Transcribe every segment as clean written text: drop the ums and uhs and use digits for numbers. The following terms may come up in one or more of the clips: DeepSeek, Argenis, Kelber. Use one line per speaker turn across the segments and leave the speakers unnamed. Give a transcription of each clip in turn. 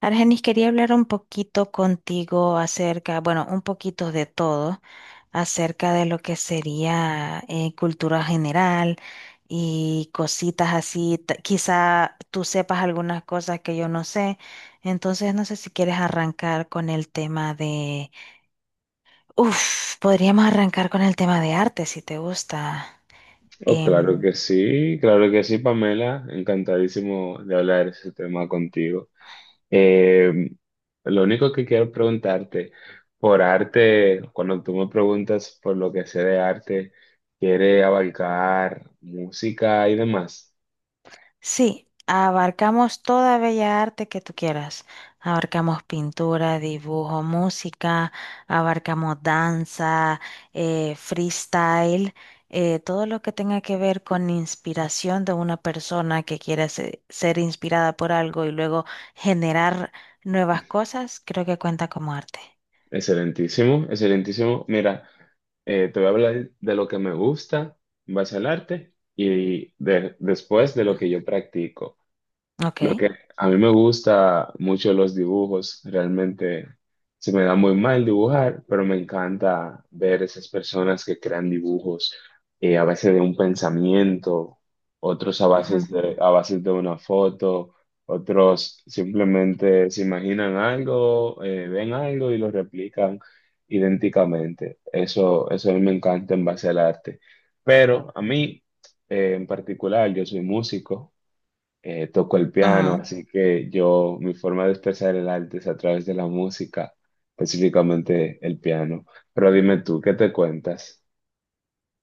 Argenis, quería hablar un poquito contigo acerca, bueno, un poquito de todo, acerca de lo que sería cultura general y cositas así. Quizá tú sepas algunas cosas que yo no sé. Entonces, no sé si quieres arrancar con el tema de... Uf, podríamos arrancar con el tema de arte, si te gusta.
Oh,
Em,
claro que sí, Pamela. Encantadísimo de hablar ese tema contigo. Eh, lo único que quiero preguntarte, por arte, cuando tú me preguntas por lo que sé de arte, ¿quiere abarcar música y demás?
Sí, abarcamos toda bella arte que tú quieras. Abarcamos pintura, dibujo, música, abarcamos danza, freestyle, todo lo que tenga que ver con inspiración de una persona que quiera ser inspirada por algo y luego generar nuevas cosas, creo que cuenta como arte.
Excelentísimo, excelentísimo. Mira, te voy a hablar de lo que me gusta en base al arte y después de lo que yo practico. Lo
Ok.
que a mí me gusta mucho los dibujos, realmente se me da muy mal dibujar, pero me encanta ver esas personas que crean dibujos, a veces de un pensamiento, otros
Ujú,
a bases de una foto, otros simplemente se imaginan algo, ven algo y lo replican idénticamente. Eso a mí me encanta en base al arte. Pero a mí, en particular, yo soy músico, toco el piano,
ujú.
así que yo, mi forma de expresar el arte es a través de la música, específicamente el piano. Pero dime tú, ¿qué te cuentas?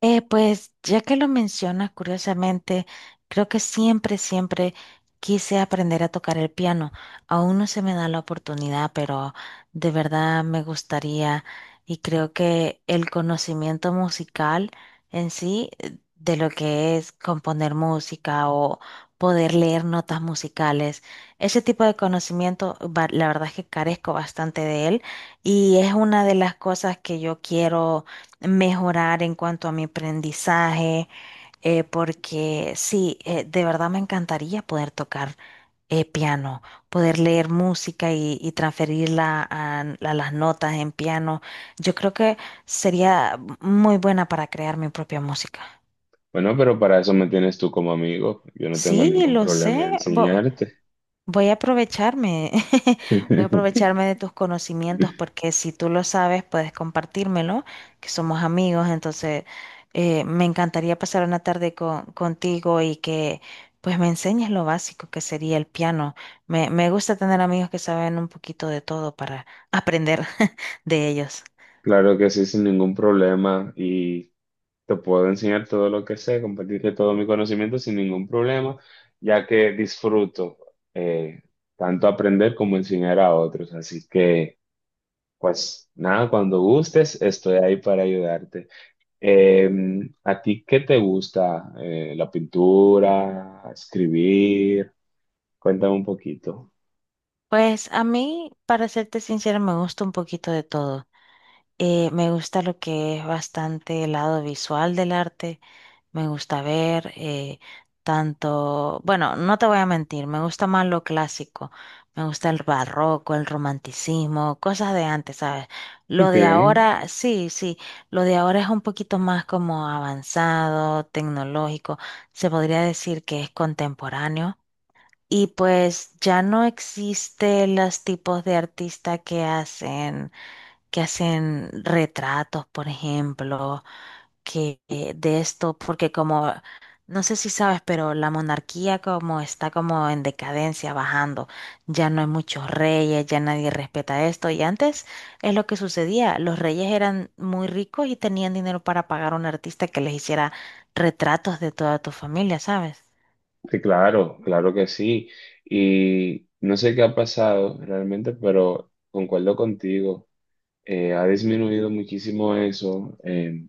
Pues ya que lo mencionas, curiosamente, creo que siempre quise aprender a tocar el piano. Aún no se me da la oportunidad, pero de verdad me gustaría y creo que el conocimiento musical en sí, de lo que es componer música o poder leer notas musicales, ese tipo de conocimiento, la verdad es que carezco bastante de él y es una de las cosas que yo quiero mejorar en cuanto a mi aprendizaje, porque sí, de verdad me encantaría poder tocar piano, poder leer música y transferirla a las notas en piano. Yo creo que sería muy buena para crear mi propia música.
Bueno, pero para eso me tienes tú como amigo. Yo no tengo
Sí,
ningún
lo
problema en
sé.
enseñarte.
Voy a aprovecharme, voy a aprovecharme de tus conocimientos porque si tú lo sabes, puedes compartírmelo, que somos amigos, entonces me encantaría pasar una tarde contigo y que pues me enseñes lo básico que sería el piano. Me gusta tener amigos que saben un poquito de todo para aprender de ellos.
Claro que sí, sin ningún problema. Y te puedo enseñar todo lo que sé, compartirte todo mi conocimiento sin ningún problema, ya que disfruto, eh, tanto aprender como enseñar a otros. Así que... Pues nada, cuando gustes, estoy ahí para ayudarte. Eh, ¿A ti qué te gusta? ¿La pintura? ¿Escribir? Cuéntame un poquito.
Pues a mí, para serte sincera, me gusta un poquito de todo. Me gusta lo que es bastante el lado visual del arte. Me gusta ver tanto, bueno, no te voy a mentir, me gusta más lo clásico, me gusta el barroco, el romanticismo, cosas de antes, ¿sabes? Lo
Ok,
de ahora, sí, sí, lo de ahora es un poquito más como avanzado, tecnológico, se podría decir que es contemporáneo. Y pues ya no existen los tipos de artistas que hacen retratos, por ejemplo que de esto, porque como, no sé si sabes, pero la monarquía como está como en decadencia, bajando, ya no hay muchos reyes, ya nadie respeta esto, y antes es lo que sucedía, los reyes eran muy ricos y tenían dinero para pagar a un artista que les hiciera retratos de toda tu familia, ¿sabes?
sí, claro, claro que sí. Y no sé qué ha pasado realmente, pero concuerdo contigo. Ha disminuido muchísimo eso.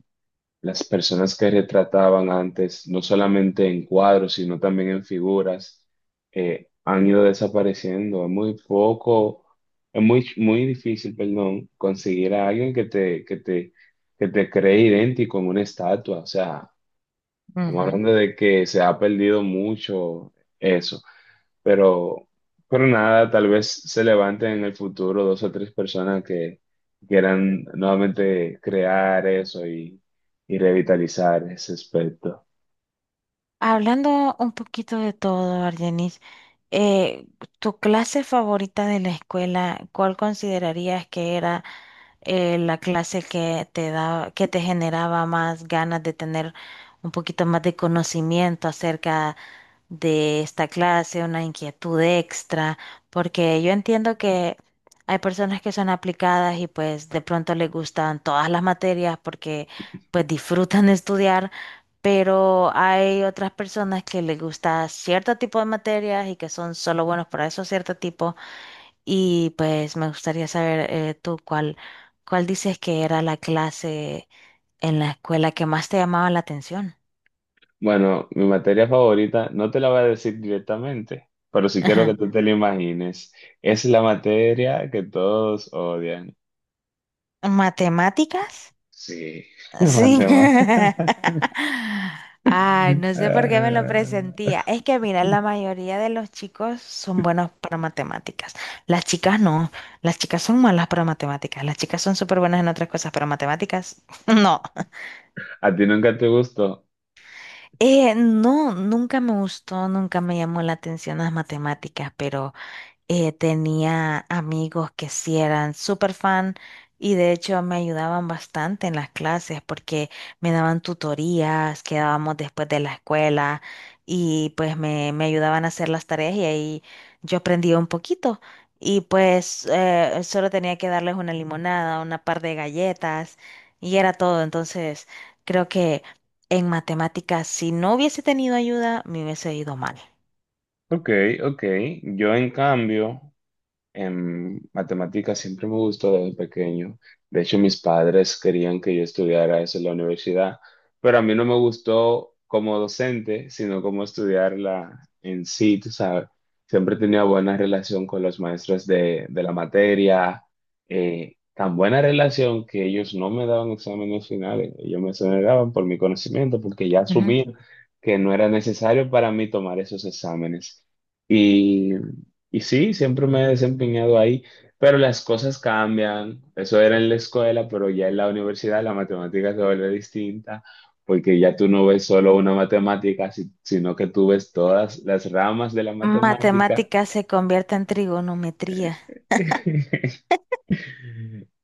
Las personas que retrataban antes, no solamente en cuadros, sino también en figuras, han ido desapareciendo. Es muy poco, es muy, muy difícil, perdón, conseguir a alguien que que te cree idéntico en una estatua. O sea, estamos
Ujú.
hablando de que se ha perdido mucho eso, pero, pero nada, tal vez se levanten en el futuro dos o tres personas que quieran nuevamente crear eso y revitalizar ese aspecto.
Hablando un poquito de todo, Argenis, eh, ¿tu clase favorita de la escuela, cuál considerarías que era? La clase que te da, que te generaba más ganas de tener un poquito más de conocimiento acerca de esta clase, una inquietud extra, porque yo entiendo que hay personas que son aplicadas y pues de pronto les gustan todas las materias porque pues disfrutan de estudiar. Pero hay otras personas que les gusta cierto tipo de materias y que son solo buenos para esos cierto tipo. Y pues me gustaría saber tú cuál, cuál dices que era la clase en la escuela que más te llamaba la atención.
Bueno, mi materia favorita, no te la voy a decir directamente, pero sí quiero
Ajá.
que tú te la imagines. Es la materia que todos odian.
¿Matemáticas?
Sí,
Sí.
matemáticas.
Ay, no sé por qué me lo presentía.
Ah.
Es que mira, la mayoría de los chicos son buenos para matemáticas. Las chicas no. Las chicas son malas para matemáticas. Las chicas son súper buenas en otras cosas, pero matemáticas no.
A ti nunca te gustó.
No, nunca me gustó, nunca me llamó la atención las matemáticas, pero tenía amigos que sí eran súper fan y de hecho me ayudaban bastante en las clases porque me daban tutorías, quedábamos después de la escuela y pues me ayudaban a hacer las tareas y ahí yo aprendía un poquito. Y pues solo tenía que darles una limonada, una par de galletas y era todo. Entonces creo que en matemáticas, si no hubiese tenido ayuda, me hubiese ido mal.
Ok, ok. Yo en cambio, en matemáticas siempre me gustó desde pequeño. De hecho, mis padres querían que yo estudiara eso en la universidad, pero a mí no me gustó como docente, sino como estudiarla en sí, tú sabes. Siempre tenía buena relación con los maestros de la materia, tan buena relación que ellos no me daban exámenes finales, ellos me exoneraban por mi conocimiento, porque ya asumían que no era necesario para mí tomar esos exámenes. Y y sí, siempre me he desempeñado ahí, pero las cosas cambian. Eso era en la escuela, pero ya en la universidad la matemática se vuelve distinta, porque ya tú no ves solo una matemática, sino que tú ves todas las ramas de la matemática.
Matemática se convierte en trigonometría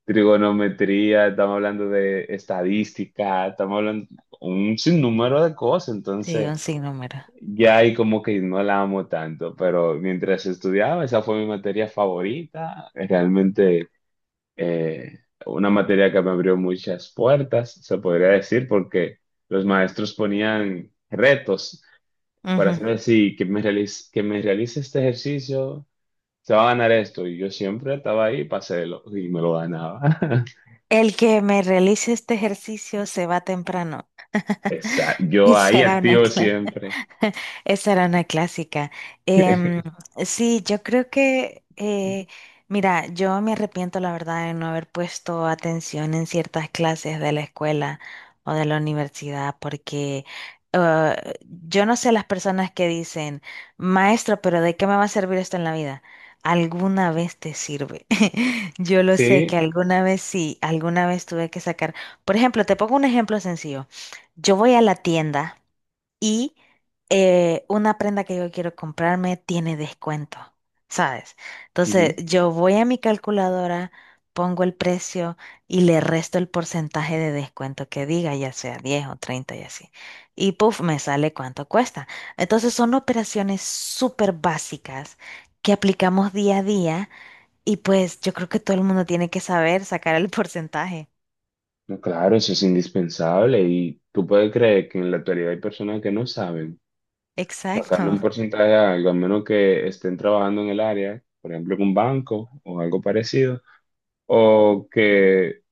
Trigonometría, estamos hablando de estadística, estamos hablando un sinnúmero de cosas,
de
entonces
un sinnúmero.
ya ahí como que no la amo tanto, pero mientras estudiaba, esa fue mi materia favorita, realmente, eh, una materia que me abrió muchas puertas, se podría decir, porque los maestros ponían retos para
Ujú.
hacerme así, que me realice este ejercicio, se va a ganar esto. Y yo siempre estaba ahí, y me lo ganaba.
El que me realice este ejercicio se va temprano.
Exacto. Yo ahí
Será una
activo
clase.
siempre.
Esa era una clásica. Em, sí, yo creo que, mira, yo me arrepiento, la verdad, de no haber puesto atención en ciertas clases de la escuela o de la universidad, porque eh, yo no sé las personas que dicen, maestro, pero ¿de qué me va a servir esto en la vida? Alguna vez te sirve. Yo lo sé que
Sí,
alguna vez sí, alguna vez tuve que sacar. Por ejemplo, te pongo un ejemplo sencillo. Yo voy a la tienda. Y una prenda que yo quiero comprarme tiene descuento, ¿sabes? Entonces
ujú.
yo voy a mi calculadora, pongo el precio y le resto el porcentaje de descuento que diga, ya sea 10 o 30 y así. Y puff, me sale cuánto cuesta. Entonces son operaciones súper básicas que aplicamos día a día y pues yo creo que todo el mundo tiene que saber sacar el porcentaje.
No, claro, eso es indispensable y tú puedes creer que en la actualidad hay personas que no saben sacarle un
Exacto.
porcentaje a algo, a menos que estén trabajando en el área, por ejemplo, en un banco o algo parecido, o que,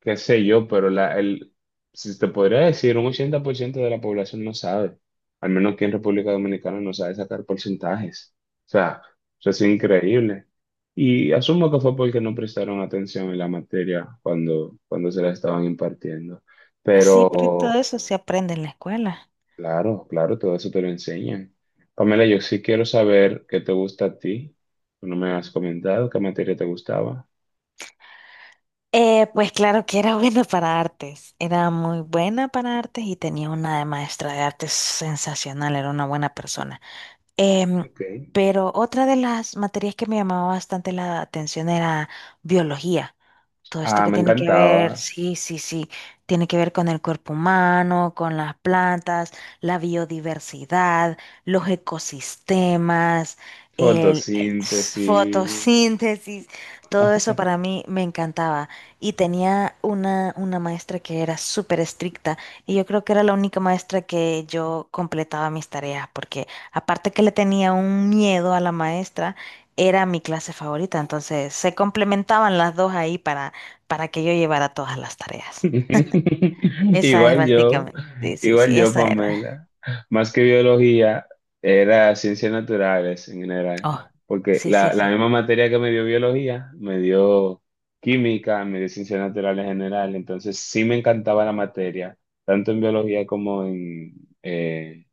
qué sé yo, pero si te podría decir, un 80% de la población no sabe, al menos que en República Dominicana no sabe sacar porcentajes. O sea, eso es increíble. Y asumo que fue porque no prestaron atención en la materia cuando se la estaban impartiendo. Mm.
Sí, pero todo
Pero
eso se aprende en la escuela.
claro, claro, todo eso te lo enseñan. Pamela, yo sí quiero saber qué te gusta a ti. Tú no me has comentado qué materia te gustaba.
Pues claro que era buena para artes, era muy buena para artes y tenía una de maestra de artes sensacional, era una buena persona. Em,
Ok.
pero otra de las materias que me llamaba bastante la atención era biología. Todo esto
Ah,
que
me
tiene que
encantaba.
ver, sí, sí, sí, tiene que ver con el cuerpo humano, con las plantas, la biodiversidad, los ecosistemas, el
Fotosíntesis.
fotosíntesis, todo eso para mí me encantaba. Y tenía una maestra que era súper estricta y yo creo que era la única maestra que yo completaba mis tareas, porque aparte que le tenía un miedo a la maestra, era mi clase favorita, entonces se complementaban las dos ahí para que yo llevara todas las tareas. Esa es. Sí,
Igual yo,
básicamente, sí, sí,
igual
sí,
yo,
esa era.
Pamela. Más que biología, era ciencias naturales en general.
Oh,
Porque
sí, sí,
la
sí.
misma materia que me dio biología, me dio química, me dio ciencias naturales en general. Entonces sí me encantaba la materia, tanto en biología como en, eh,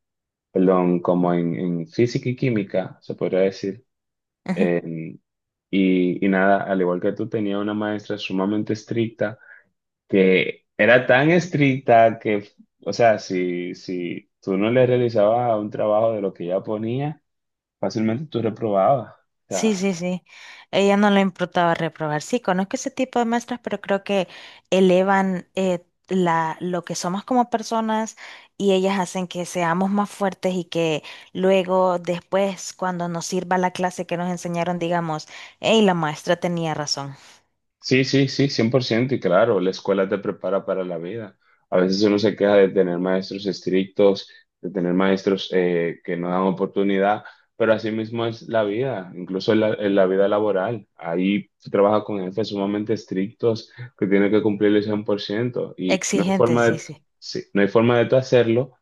perdón, como en física y química, se podría decir.
Ajá.
En- y, y nada, al igual que tú, tenía una maestra sumamente estricta, que era tan estricta que, o sea, si, si tú no le realizabas un trabajo de lo que ella ponía, fácilmente tú reprobabas. O
Sí,
sea,
sí, sí. Ella no le importaba reprobar. Sí, conozco ese tipo de maestras, pero creo que elevan la, lo que somos como personas y ellas hacen que seamos más fuertes y que luego, después, cuando nos sirva la clase que nos enseñaron, digamos, hey, la maestra tenía razón.
sí, sí, sí, 100% y claro, la escuela te prepara para la vida. A veces uno se queja de tener maestros estrictos, de tener maestros que no dan oportunidad, pero así mismo es la vida, incluso en en la vida laboral. Ahí se trabaja con jefes sumamente estrictos que tienen que cumplir el 100% y no hay
Exigente,
forma
sí,
de,
sí.
sí, no hay forma de tú hacerlo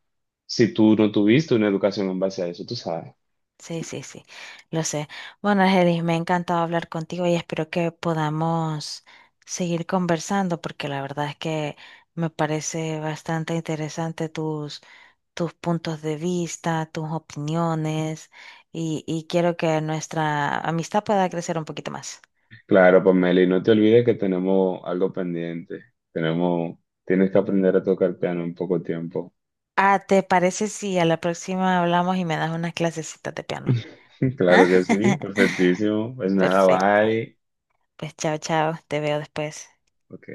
si tú no tuviste una educación en base a eso, tú sabes.
Sí, sí, sí, lo sé. Bueno, Argenis, me ha encantado hablar contigo y espero que podamos seguir conversando porque la verdad es que me parece bastante interesante tus, tus puntos de vista, tus opiniones y quiero que nuestra amistad pueda crecer un poquito más.
Claro, Pamela, y no te olvides que tenemos algo pendiente. Tenemos, tienes que aprender a tocar piano en poco tiempo.
Ah, ¿te parece si a la próxima hablamos y me das unas clasecitas de piano? ¿Ah?
Claro que sí, perfectísimo. Pues nada,
Perfecto.
bye.
Pues chao, chao, te veo después.
Ok.